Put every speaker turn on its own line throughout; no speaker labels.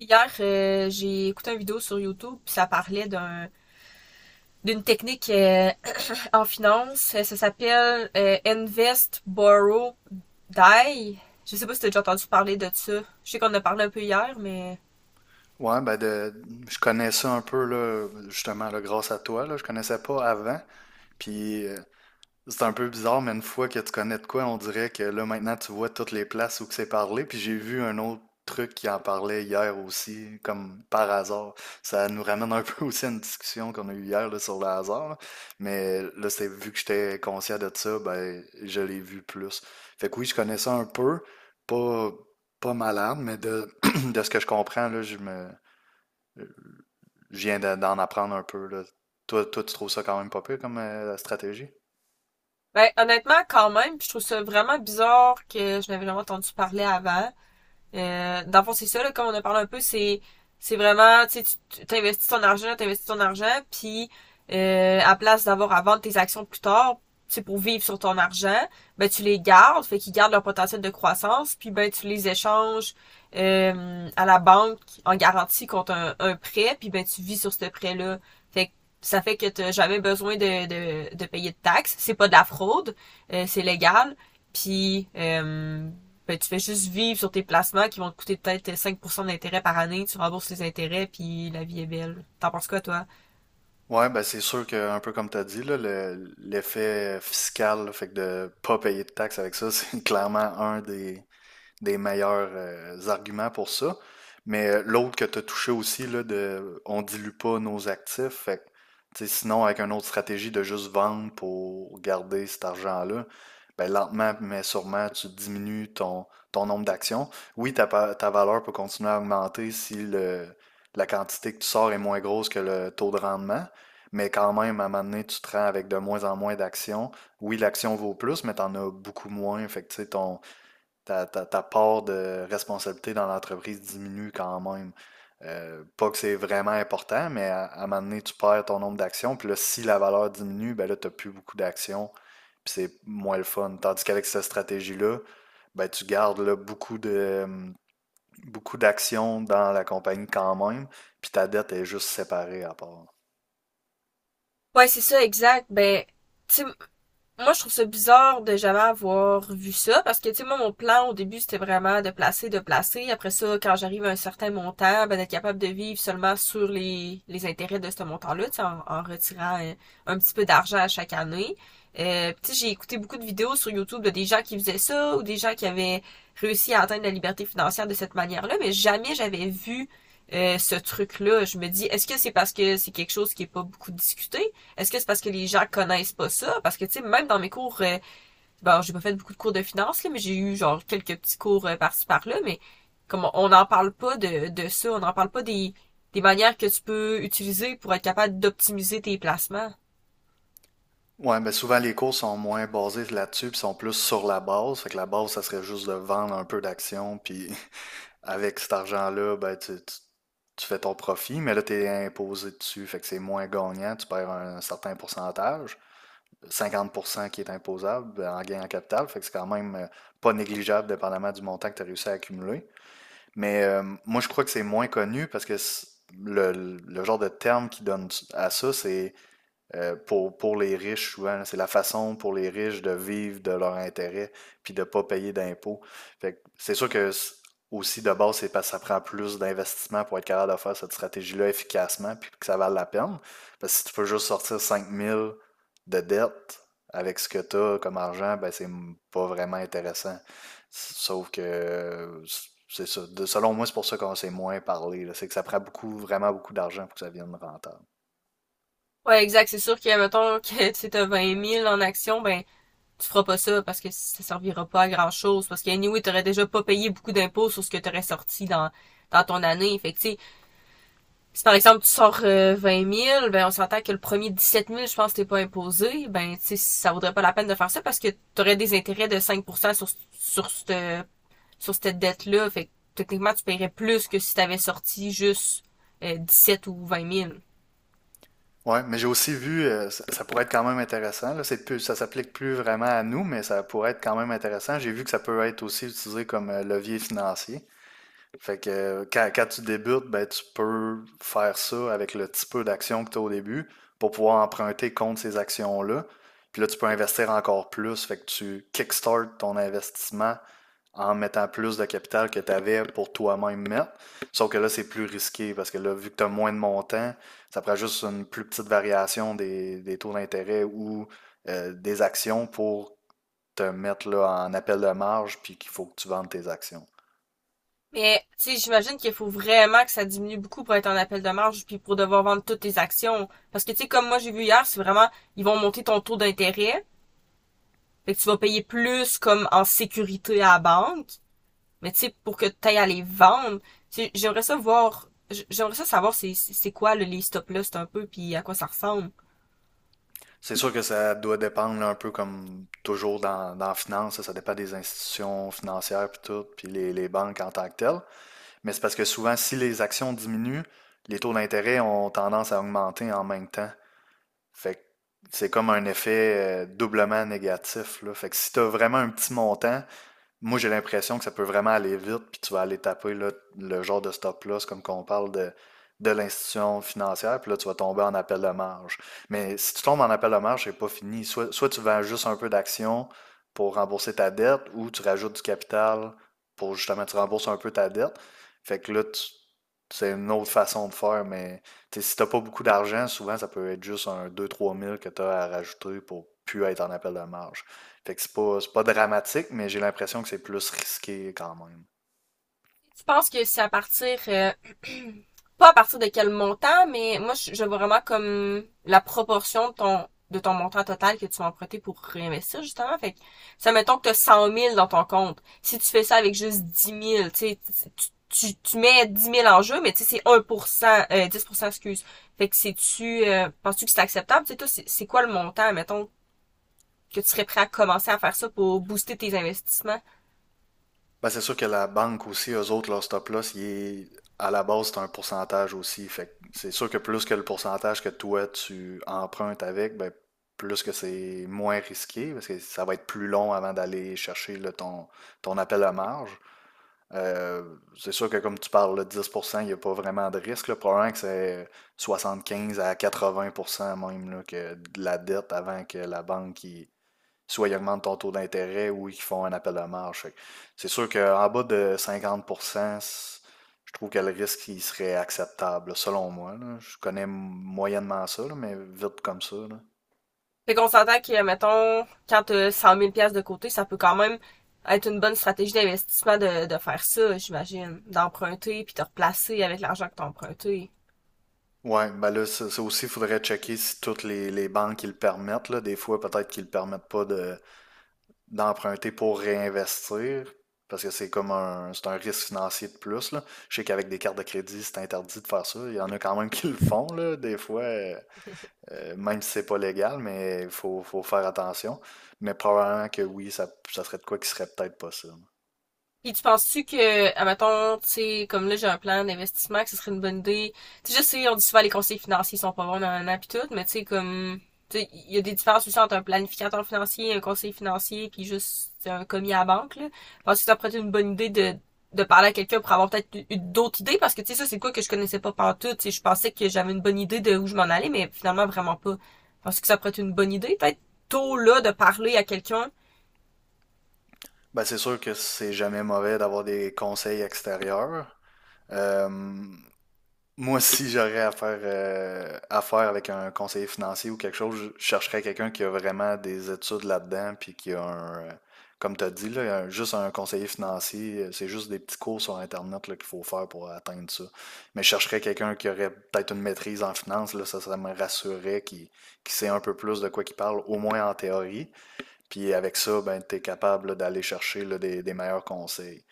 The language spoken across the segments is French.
Hier, j'ai écouté une vidéo sur YouTube, puis ça parlait d'une technique en finance. Ça s'appelle Invest, Borrow, Die. Je sais pas si t'as déjà entendu parler de ça. Je sais qu'on en a parlé un peu hier, mais
Ouais, ben de, je connais ça un peu là, justement là, grâce à toi là, je connaissais pas avant. Puis c'est un peu bizarre, mais une fois que tu connais de quoi, on dirait que là maintenant tu vois toutes les places où que c'est parlé. Puis j'ai vu un autre truc qui en parlait hier aussi, comme par hasard. Ça nous ramène un peu aussi à une discussion qu'on a eue hier là, sur le hasard. Là. Mais là, c'est vu que j'étais conscient de ça, ben je l'ai vu plus. Fait que oui, je connais ça un peu, pas pas malade, mais de de ce que je comprends là, je viens d'en apprendre un peu, là. Toi, tu trouves ça quand même pas pire comme stratégie?
ben, honnêtement, quand même, puis je trouve ça vraiment bizarre que je n'avais jamais entendu parler avant. Dans le fond, c'est ça, là, comme on a parlé un peu, c'est vraiment, tu sais, tu investis ton argent, puis à place d'avoir à vendre tes actions plus tard, c'est pour vivre sur ton argent, ben tu les gardes, fait qu'ils gardent leur potentiel de croissance, puis ben tu les échanges à la banque en garantie contre un prêt, puis ben tu vis sur ce prêt-là. Fait que ça fait que t'as jamais besoin de payer de taxes. C'est pas de la fraude, c'est légal. Puis ben, tu fais juste vivre sur tes placements qui vont te coûter peut-être 5% d'intérêt par année, tu rembourses les intérêts, puis la vie est belle. T'en penses quoi, toi?
Ouais, ben c'est sûr que, un peu comme tu as dit, là, l'effet fiscal, là, fait que de pas payer de taxes avec ça, c'est clairement un des meilleurs arguments pour ça. Mais l'autre que tu as touché aussi, là, de on dilue pas nos actifs, fait que, tu sais, sinon, avec une autre stratégie de juste vendre pour garder cet argent-là, ben, lentement, mais sûrement, tu diminues ton, ton nombre d'actions. Oui, ta valeur peut continuer à augmenter si la quantité que tu sors est moins grosse que le taux de rendement, mais quand même, à un moment donné, tu te rends avec de moins en moins d'actions. Oui, l'action vaut plus, mais tu en as beaucoup moins. Fait que, tu sais, ton, ta part de responsabilité dans l'entreprise diminue quand même. Pas que c'est vraiment important, mais à un moment donné, tu perds ton nombre d'actions. Puis là, si la valeur diminue, ben là, tu n'as plus beaucoup d'actions. Puis c'est moins le fun. Tandis qu'avec cette stratégie-là, ben, tu gardes là, beaucoup de, beaucoup d'actions dans la compagnie quand même. Puis ta dette est juste séparée à part.
Ouais, c'est ça, exact. Ben, tu sais, moi, je trouve ça bizarre de jamais avoir vu ça parce que, tu sais, moi, mon plan au début, c'était vraiment de placer, de placer. Après ça, quand j'arrive à un certain montant, ben, d'être capable de vivre seulement sur les intérêts de ce montant-là, tu sais, en retirant un petit peu d'argent à chaque année. Tu sais, j'ai écouté beaucoup de vidéos sur YouTube de des gens qui faisaient ça ou des gens qui avaient réussi à atteindre la liberté financière de cette manière-là, mais jamais j'avais vu ce truc-là. Je me dis, est-ce que c'est parce que c'est quelque chose qui est pas beaucoup discuté? Est-ce que c'est parce que les gens connaissent pas ça? Parce que, tu sais, même dans mes cours, bon, j'ai pas fait beaucoup de cours de finance, là, mais j'ai eu, genre, quelques petits cours par-ci, par-là, mais comme on n'en parle pas de ça, on n'en parle pas des manières que tu peux utiliser pour être capable d'optimiser tes placements.
Ouais, ben souvent les cours sont moins basés là-dessus, puis sont plus sur la base. Fait que la base, ça serait juste de vendre un peu d'actions, puis avec cet argent-là, ben, tu fais ton profit, mais là, tu es imposé dessus, fait que c'est moins gagnant, tu perds un certain pourcentage. 50% qui est imposable ben, en gain en capital, fait que c'est quand même pas négligeable dépendamment du montant que tu as réussi à accumuler. Mais moi, je crois que c'est moins connu parce que le, le genre de terme qu'ils donnent à ça, c'est pour les riches, souvent, c'est la façon pour les riches de vivre de leur intérêt puis de ne pas payer d'impôts. Fait que c'est sûr que aussi de base, c'est parce que ça prend plus d'investissement pour être capable de faire cette stratégie-là efficacement puis que ça vale la peine. Parce que si tu peux juste sortir 5000 de dette avec ce que tu as comme argent, ben c'est pas vraiment intéressant. Sauf que c'est ça. Selon moi, c'est pour ça qu'on s'est moins parlé. Là. C'est que ça prend beaucoup, vraiment beaucoup d'argent pour que ça vienne rentable.
Ouais, exact. C'est sûr que, mettons, que tu as 20 000 en action, ben, tu feras pas ça parce que ça servira pas à grand chose. Parce que, anyway, t'aurais déjà pas payé beaucoup d'impôts sur ce que t'aurais sorti dans ton année. Fait que, tu sais, si par exemple tu sors 20 000, ben on s'entend que le premier 17 000, je pense que t'es pas imposé, ben tu sais, ça vaudrait pas la peine de faire ça parce que t'aurais des intérêts de 5 sur, sur cette, sur cette dette-là. Fait que techniquement, tu paierais plus que si t'avais sorti juste 17 ou 20 000.
Ouais, mais j'ai aussi vu, ça, ça pourrait être quand même intéressant. Là, c'est plus, ça s'applique plus vraiment à nous, mais ça pourrait être quand même intéressant. J'ai vu que ça peut être aussi utilisé comme levier financier. Fait que quand tu débutes, ben, tu peux faire ça avec le petit peu d'action que tu as au début pour pouvoir emprunter contre ces actions-là. Puis là, tu peux investir encore plus. Fait que tu kickstart ton investissement en mettant plus de capital que tu avais pour toi-même mettre. Sauf que là, c'est plus risqué parce que là, vu que tu as moins de montants, ça prend juste une plus petite variation des taux d'intérêt ou des actions pour te mettre là, en appel de marge puis qu'il faut que tu vendes tes actions.
Mais tu sais, j'imagine qu'il faut vraiment que ça diminue beaucoup pour être en appel de marge puis pour devoir vendre toutes tes actions. Parce que tu sais, comme moi j'ai vu hier, c'est vraiment ils vont monter ton taux d'intérêt. Fait que tu vas payer plus comme en sécurité à la banque. Mais tu sais, pour que tu ailles à les vendre, tu sais, j'aimerais ça voir, j'aimerais ça savoir c'est quoi les stocks là, c'est un peu, puis à quoi ça ressemble.
C'est sûr que ça doit dépendre là, un peu comme toujours dans, dans la finance, ça dépend des institutions financières puis tout, puis les banques en tant que telles. Mais c'est parce que souvent, si les actions diminuent, les taux d'intérêt ont tendance à augmenter en même temps. Fait que c'est comme un effet doublement négatif, là. Fait que si tu as vraiment un petit montant, moi, j'ai l'impression que ça peut vraiment aller vite, puis tu vas aller taper là, le genre de stop-loss, comme qu'on parle de l'institution financière, puis là, tu vas tomber en appel de marge. Mais si tu tombes en appel de marge, c'est pas fini. Soit tu vends juste un peu d'action pour rembourser ta dette, ou tu rajoutes du capital pour justement, tu rembourses un peu ta dette. Fait que là, c'est une autre façon de faire, mais tu sais, si t'as pas beaucoup d'argent, souvent, ça peut être juste un deux trois mille que tu as à rajouter pour plus être en appel de marge. Fait que c'est pas dramatique, mais j'ai l'impression que c'est plus risqué quand même.
Tu penses que c'est à partir, pas à partir de quel montant, mais moi, je vois vraiment comme la proportion de ton, montant total que tu vas emprunter pour réinvestir, justement. Fait que, ça mettons que tu as 100 000 dans ton compte. Si tu fais ça avec juste 10 000, tu sais, tu mets 10 000 en jeu, mais tu sais, c'est 1%, 10% excuse. Fait que c'est-tu, penses-tu que c'est acceptable? Tu sais, toi, c'est quoi le montant, mettons, que tu serais prêt à commencer à faire ça pour booster tes investissements?
Ben, c'est sûr que la banque aussi, eux autres, leur stop-loss, à la base, c'est un pourcentage aussi. Fait que c'est sûr que plus que le pourcentage que toi, tu empruntes avec, ben, plus que c'est moins risqué, parce que ça va être plus long avant d'aller chercher là, ton, ton appel à marge. Euh, c'est sûr que comme tu parles, le 10% il n'y a pas vraiment de risque. Là. Probablement que c'est 75 à 80% même là, que de la dette avant que la banque... soit ils augmentent ton taux d'intérêt ou ils font un appel de marge. Fait que c'est sûr qu'en bas de 50%, je trouve que le risque il serait acceptable, là, selon moi. Là. Je connais moyennement ça, là, mais vite comme ça. Là.
Fait qu'on s'entend que, mettons, quand t'as 100 000 pièces de côté, ça peut quand même être une bonne stratégie d'investissement de faire ça, j'imagine. D'emprunter puis de replacer avec l'argent que t'as emprunté.
Ouais, ben là, ça aussi, il faudrait checker si toutes les banques qui le permettent, là. Des fois, peut-être qu'ils ne le permettent pas de, d'emprunter pour réinvestir, parce que c'est comme un, c'est un risque financier de plus, là. Je sais qu'avec des cartes de crédit, c'est interdit de faire ça. Il y en a quand même qui le font, là, des fois. Même si c'est pas légal, mais il faut, faut faire attention. Mais probablement que oui, ça serait de quoi qui serait peut-être possible.
Puis tu penses-tu que, admettons, tu sais, comme là j'ai un plan d'investissement, que ce serait une bonne idée. Tu sais, je sais, on dit souvent les conseillers financiers sont pas bons, nanana, pis tout, mais tu sais, comme, tu sais, il y a des différences aussi entre un planificateur financier, un conseiller financier, puis juste un commis à la banque, là. Penses-tu que ça pourrait être une bonne idée de parler à quelqu'un pour avoir peut-être eu d'autres idées? Parce que, tu sais, ça, c'est quoi que je connaissais pas partout, tu sais, je pensais que j'avais une bonne idée de où je m'en allais, mais finalement, vraiment pas. Penses-tu que ça pourrait être une bonne idée, peut-être, tôt là, de parler à quelqu'un?
Ben, c'est sûr que c'est jamais mauvais d'avoir des conseils extérieurs. Euh, Moi, si j'aurais affaire avec un conseiller financier ou quelque chose, je chercherais quelqu'un qui a vraiment des études là-dedans, puis qui a un, comme tu as dit, là, juste un conseiller financier, c'est juste des petits cours sur Internet là, qu'il faut faire pour atteindre ça. Mais je chercherais quelqu'un qui aurait peut-être une maîtrise en finance, là, ça me rassurerait, qui sait un peu plus de quoi qu'il parle, au moins en théorie. Puis avec ça, ben, tu es capable là, d'aller chercher là, des meilleurs conseils.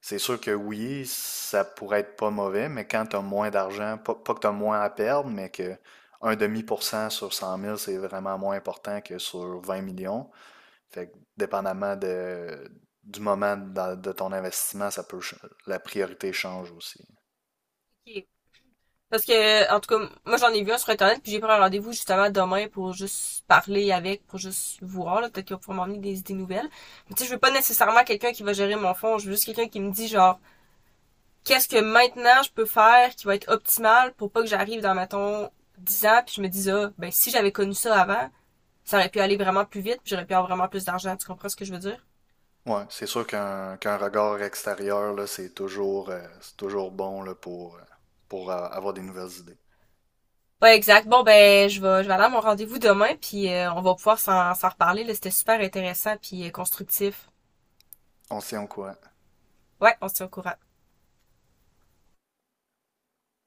C'est sûr que oui, ça pourrait être pas mauvais, mais quand tu as moins d'argent, pas, pas que tu as moins à perdre, mais que un demi pour cent sur 100 000 c'est vraiment moins important que sur 20 millions. Fait que dépendamment de, ton investissement, ça peut, la priorité change aussi.
Ok, parce que, en tout cas, moi j'en ai vu un sur Internet, puis j'ai pris un rendez-vous justement demain pour juste parler avec, pour juste voir, là, peut-être qu'ils vont pouvoir m'emmener des idées nouvelles. Mais tu sais, je veux pas nécessairement quelqu'un qui va gérer mon fonds, je veux juste quelqu'un qui me dit genre, qu'est-ce que maintenant je peux faire qui va être optimal pour pas que j'arrive dans, mettons, 10 ans, puis je me dise, ah, ben si j'avais connu ça avant, ça aurait pu aller vraiment plus vite, puis j'aurais pu avoir vraiment plus d'argent, tu comprends ce que je veux dire?
Ouais, c'est sûr qu'un qu'un regard extérieur, là, c'est toujours bon là, pour avoir des nouvelles idées.
Ouais, exact. Bon, ben, je vais aller à mon rendez-vous demain, puis on va pouvoir s'en reparler, là, c'était super intéressant, puis constructif.
On s'y en courant.
Ouais, on se tient au courant.